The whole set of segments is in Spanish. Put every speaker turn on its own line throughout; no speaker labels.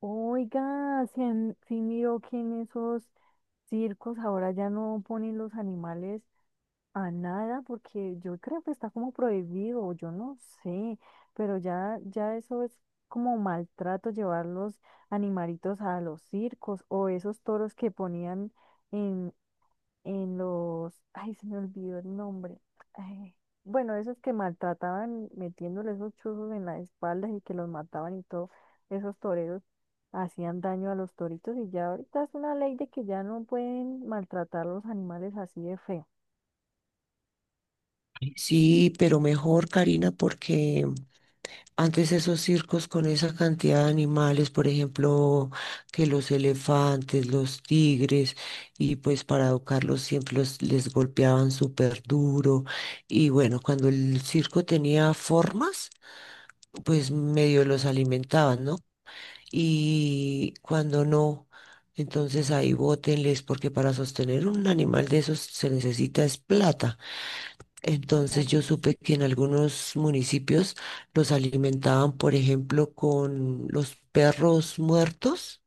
Oiga, si, si miró que en esos circos ahora ya no ponen los animales a nada, porque yo creo que está como prohibido, yo no sé, pero ya, ya eso es como maltrato llevar los animalitos a los circos o esos toros que ponían en los, ay, se me olvidó el nombre. Ay, bueno, esos que maltrataban metiéndole esos chuzos en las espaldas y que los mataban y todo, esos toreros hacían daño a los toritos y ya ahorita es una ley de que ya no pueden maltratar los animales así de feo. Sí,
Sí, pero mejor, Karina, porque antes esos circos con esa cantidad de animales, por ejemplo, que los elefantes, los tigres, y pues para educarlos siempre les golpeaban súper duro. Y bueno, cuando el circo tenía formas, pues medio los alimentaban, ¿no? Y cuando no, entonces ahí bótenles, porque para sostener un animal de esos se necesita es plata. Entonces yo
rayos.
supe que en algunos municipios los alimentaban, por ejemplo, con los perros muertos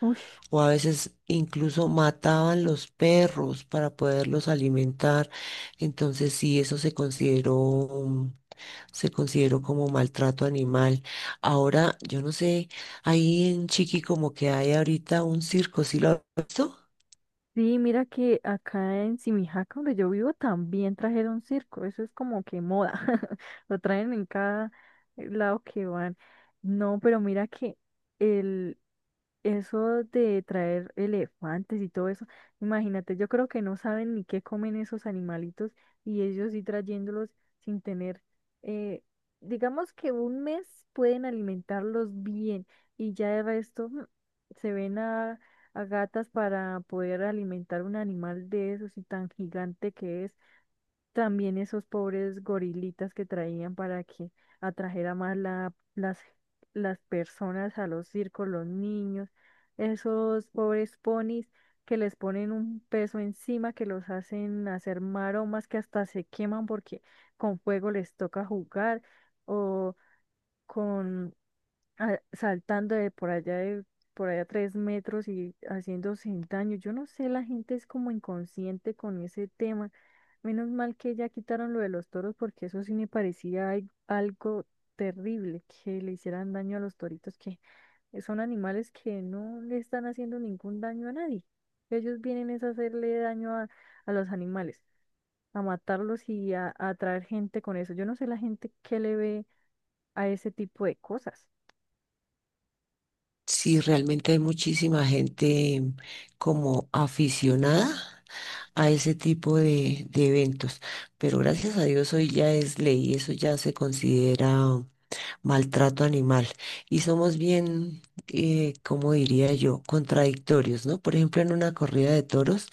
Ush,
o a veces incluso mataban los perros para poderlos alimentar. Entonces sí, eso se consideró como maltrato animal. Ahora, yo no sé, ahí en Chiqui como que hay ahorita un circo, ¿sí lo has visto?
sí, mira que acá en Simijaca, donde yo vivo, también trajeron circo. Eso es como que moda. Lo traen en cada lado que van. No, pero mira que eso de traer elefantes y todo eso, imagínate, yo creo que no saben ni qué comen esos animalitos y ellos sí trayéndolos sin tener, eh, digamos que un mes pueden alimentarlos bien y ya de resto se ven a gatas para poder alimentar un animal de esos y tan gigante que es. También esos pobres gorilitas que traían para que atrajera más las personas a los circos, los niños, esos pobres ponis que les ponen un peso encima, que los hacen hacer maromas, que hasta se queman porque con fuego les toca jugar, o con saltando de por allá 3 metros y haciéndose daño. Yo no sé, la gente es como inconsciente con ese tema. Menos mal que ya quitaron lo de los toros porque eso sí me parecía algo terrible que le hicieran daño a los toritos, que son animales que no le están haciendo ningún daño a nadie. Ellos vienen es a hacerle daño a los animales, a matarlos y a atraer gente con eso. Yo no sé la gente que le ve a ese tipo de cosas.
Sí, realmente hay muchísima gente como aficionada a ese tipo de eventos. Pero gracias a Dios hoy ya es ley, eso ya se considera maltrato animal. Y somos bien, como diría yo, contradictorios, ¿no? Por ejemplo, en una corrida de toros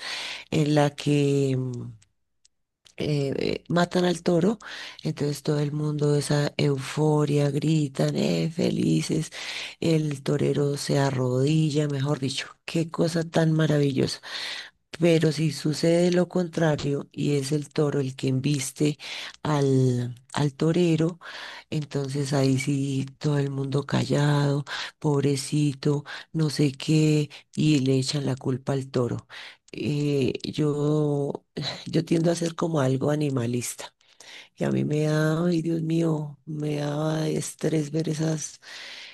en la que matan al toro, entonces todo el mundo esa euforia, gritan, felices, el torero se arrodilla, mejor dicho, qué cosa tan maravillosa. Pero si sucede lo contrario y es el toro el que embiste al torero, entonces ahí sí todo el mundo callado, pobrecito, no sé qué, y le echan la culpa al toro. Yo, yo tiendo a ser como algo animalista. Y a mí me da, ay Dios mío, me da estrés ver esas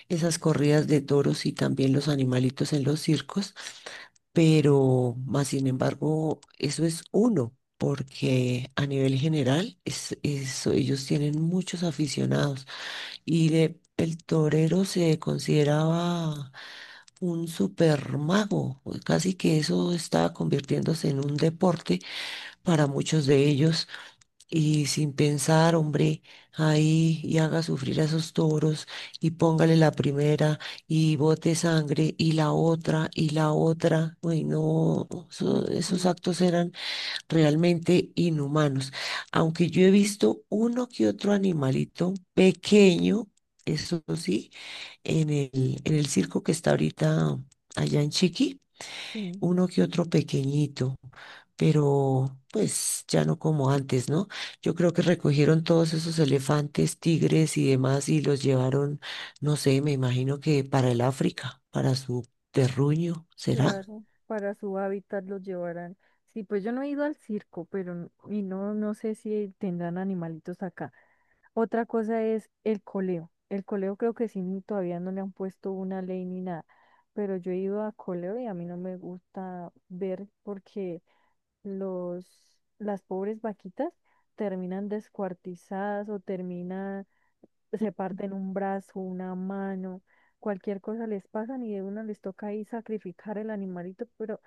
esas corridas de toros y también los animalitos en los circos, pero más sin embargo, eso es uno, porque a nivel general es, eso, ellos tienen muchos aficionados y el torero se consideraba un super mago casi que eso estaba convirtiéndose en un deporte para muchos de ellos y sin pensar, hombre, ahí y haga sufrir a esos toros y póngale la primera y bote sangre y la otra y la otra. Uy, no,
Uy,
esos actos eran realmente inhumanos. Aunque yo he visto uno que otro animalito pequeño, eso sí, en el circo que está ahorita allá en Chiqui
sí.
uno que otro pequeñito, pero pues ya no como antes, ¿no? Yo creo que recogieron todos esos elefantes, tigres y demás y los llevaron, no sé, me imagino que para el África, para su terruño, ¿será?
Claro, para su hábitat los llevarán. Sí, pues yo no he ido al circo, pero no, no sé si tendrán animalitos acá. Otra cosa es el coleo. El coleo creo que sí, todavía no le han puesto una ley ni nada, pero yo he ido a coleo y a mí no me gusta ver porque los, las pobres vaquitas terminan descuartizadas o terminan se parten un brazo, una mano, cualquier cosa les pasan y de una les toca ahí sacrificar el animalito, pero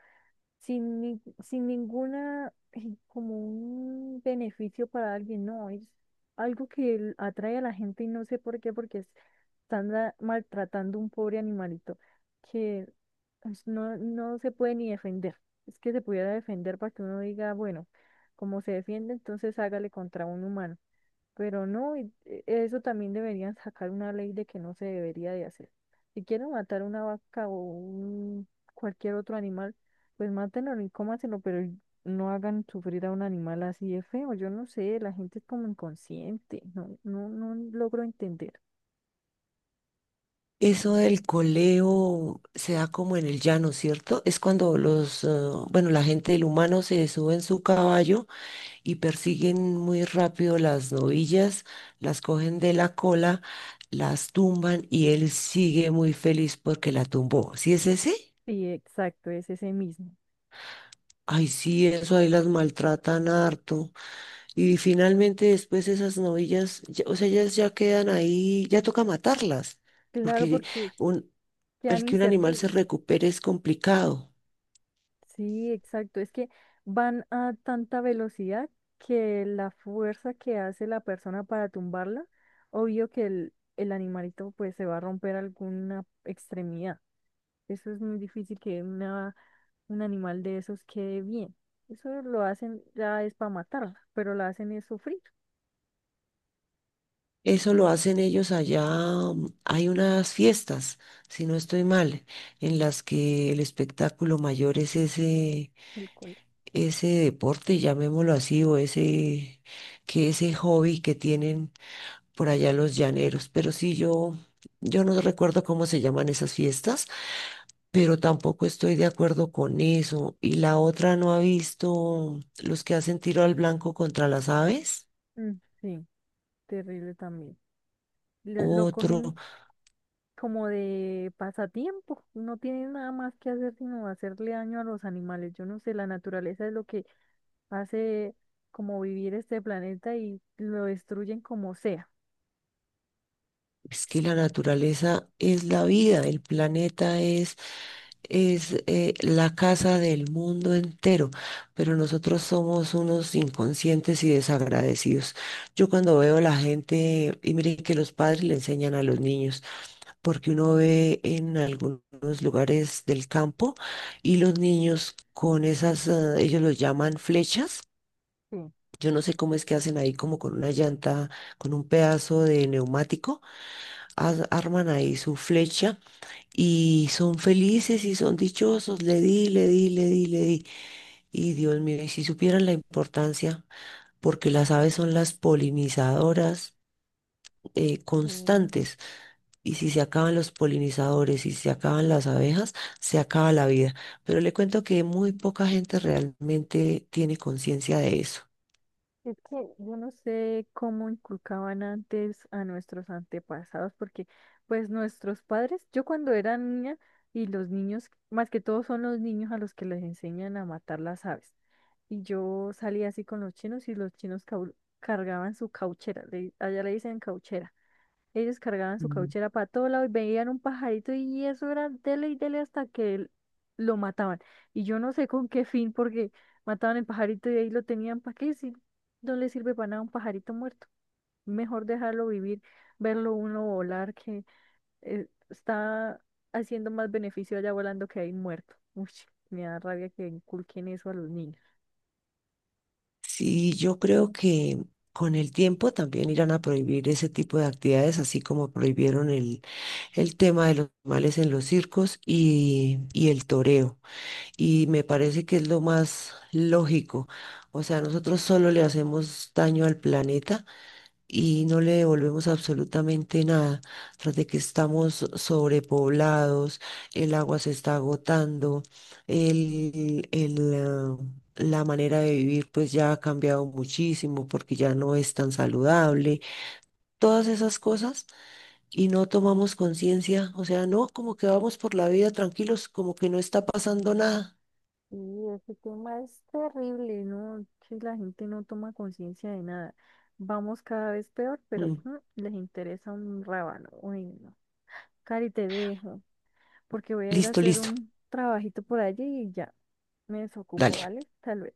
sin, sin ninguna, como un beneficio para alguien, no, es algo que atrae a la gente y no sé por qué, porque están maltratando un pobre animalito que pues, no, no se puede ni defender. Es que se pudiera defender para que uno diga, bueno, como se defiende, entonces hágale contra un humano, pero no, eso también deberían sacar una ley de que no se debería de hacer. Si quieren matar una vaca cualquier otro animal, pues mátenlo y cómaselo, pero no hagan sufrir a un animal así de feo. Yo no sé, la gente es como inconsciente, no, no, no logro entender.
Eso del coleo se da como en el llano, ¿cierto? Es cuando los, bueno, la gente, el humano se sube en su caballo y persiguen muy rápido las novillas, las cogen de la cola, las tumban y él sigue muy feliz porque la tumbó. ¿Sí es ese?
Sí, exacto, es ese mismo.
Ay, sí, eso ahí las maltratan harto. Y finalmente después esas novillas, o sea, ellas ya quedan ahí, ya toca matarlas,
Claro,
porque
porque
un- el
quedan
que un animal se
inservibles.
recupere es complicado.
Sí, exacto. Es que van a tanta velocidad que la fuerza que hace la persona para tumbarla, obvio que el animalito pues se va a romper alguna extremidad. Eso es muy difícil que un animal de esos quede bien. Eso lo hacen ya es para matarla, pero la hacen es sufrir
Eso lo hacen ellos allá. Mm, hay unas fiestas, si no estoy mal, en las que el espectáculo mayor es ese,
el cuello.
ese deporte, llamémoslo así, o ese, que ese hobby que tienen por allá los llaneros. Pero sí, yo no recuerdo cómo se llaman esas fiestas, pero tampoco estoy de acuerdo con eso. Y la otra no ha visto los que hacen tiro al blanco contra las aves.
Mm, sí, terrible también. Lo
Otro.
cogen como de pasatiempo. No tiene nada más que hacer sino hacerle daño a los animales. Yo no sé, la naturaleza es lo que hace como vivir este planeta y lo destruyen como sea.
Es que la
Sí.
naturaleza es la vida, el planeta es la casa del mundo entero, pero nosotros somos unos inconscientes y desagradecidos. Yo cuando veo a la gente, y miren que los padres le enseñan a los niños, porque uno ve en algunos lugares del campo y los niños con esas, ah, ellos los llaman flechas. Yo no sé cómo es que hacen ahí como con una llanta, con un pedazo de neumático arman ahí su flecha y son felices y son dichosos. Le di, le di, le di, le di. Y Dios mío, y si supieran la importancia, porque las aves son las polinizadoras
Mm,
constantes, y si se acaban los polinizadores y se acaban las abejas, se acaba la vida. Pero le cuento que muy poca gente realmente tiene conciencia de eso.
es que yo no sé cómo inculcaban antes a nuestros antepasados, porque pues nuestros padres, yo cuando era niña y los niños, más que todo son los niños a los que les enseñan a matar las aves. Y yo salía así con los chinos y los chinos cargaban su cauchera, allá le dicen cauchera. Ellos cargaban su cauchera para todo lado y veían un pajarito y eso era dele y dele hasta que lo mataban. Y yo no sé con qué fin, porque mataban el pajarito y ahí lo tenían para qué si no le sirve para nada un pajarito muerto. Mejor dejarlo vivir, verlo uno volar, que está haciendo más beneficio allá volando que ahí muerto. Uy, me da rabia que inculquen eso a los niños.
Sí, yo creo que con el tiempo también irán a prohibir ese tipo de actividades, así como prohibieron el tema de los males en los circos y el toreo. Y me parece que es lo más lógico. O sea, nosotros solo le hacemos daño al planeta y no le devolvemos absolutamente nada. Tras de que estamos sobrepoblados, el agua se está agotando, el, el, ah, la manera de vivir pues ya ha cambiado muchísimo porque ya no es tan saludable. Todas esas cosas y no tomamos conciencia, o sea, no, como que vamos por la vida tranquilos, como que no está pasando nada.
Sí, ese tema es terrible, ¿no? Sí, la gente no toma conciencia de nada. Vamos cada vez peor, pero
Mm,
les interesa un rábano. Uy, no. Cari, te dejo, porque voy a ir a
listo,
hacer
listo.
un trabajito por allí y ya me desocupo,
Dale.
¿vale? Tal vez.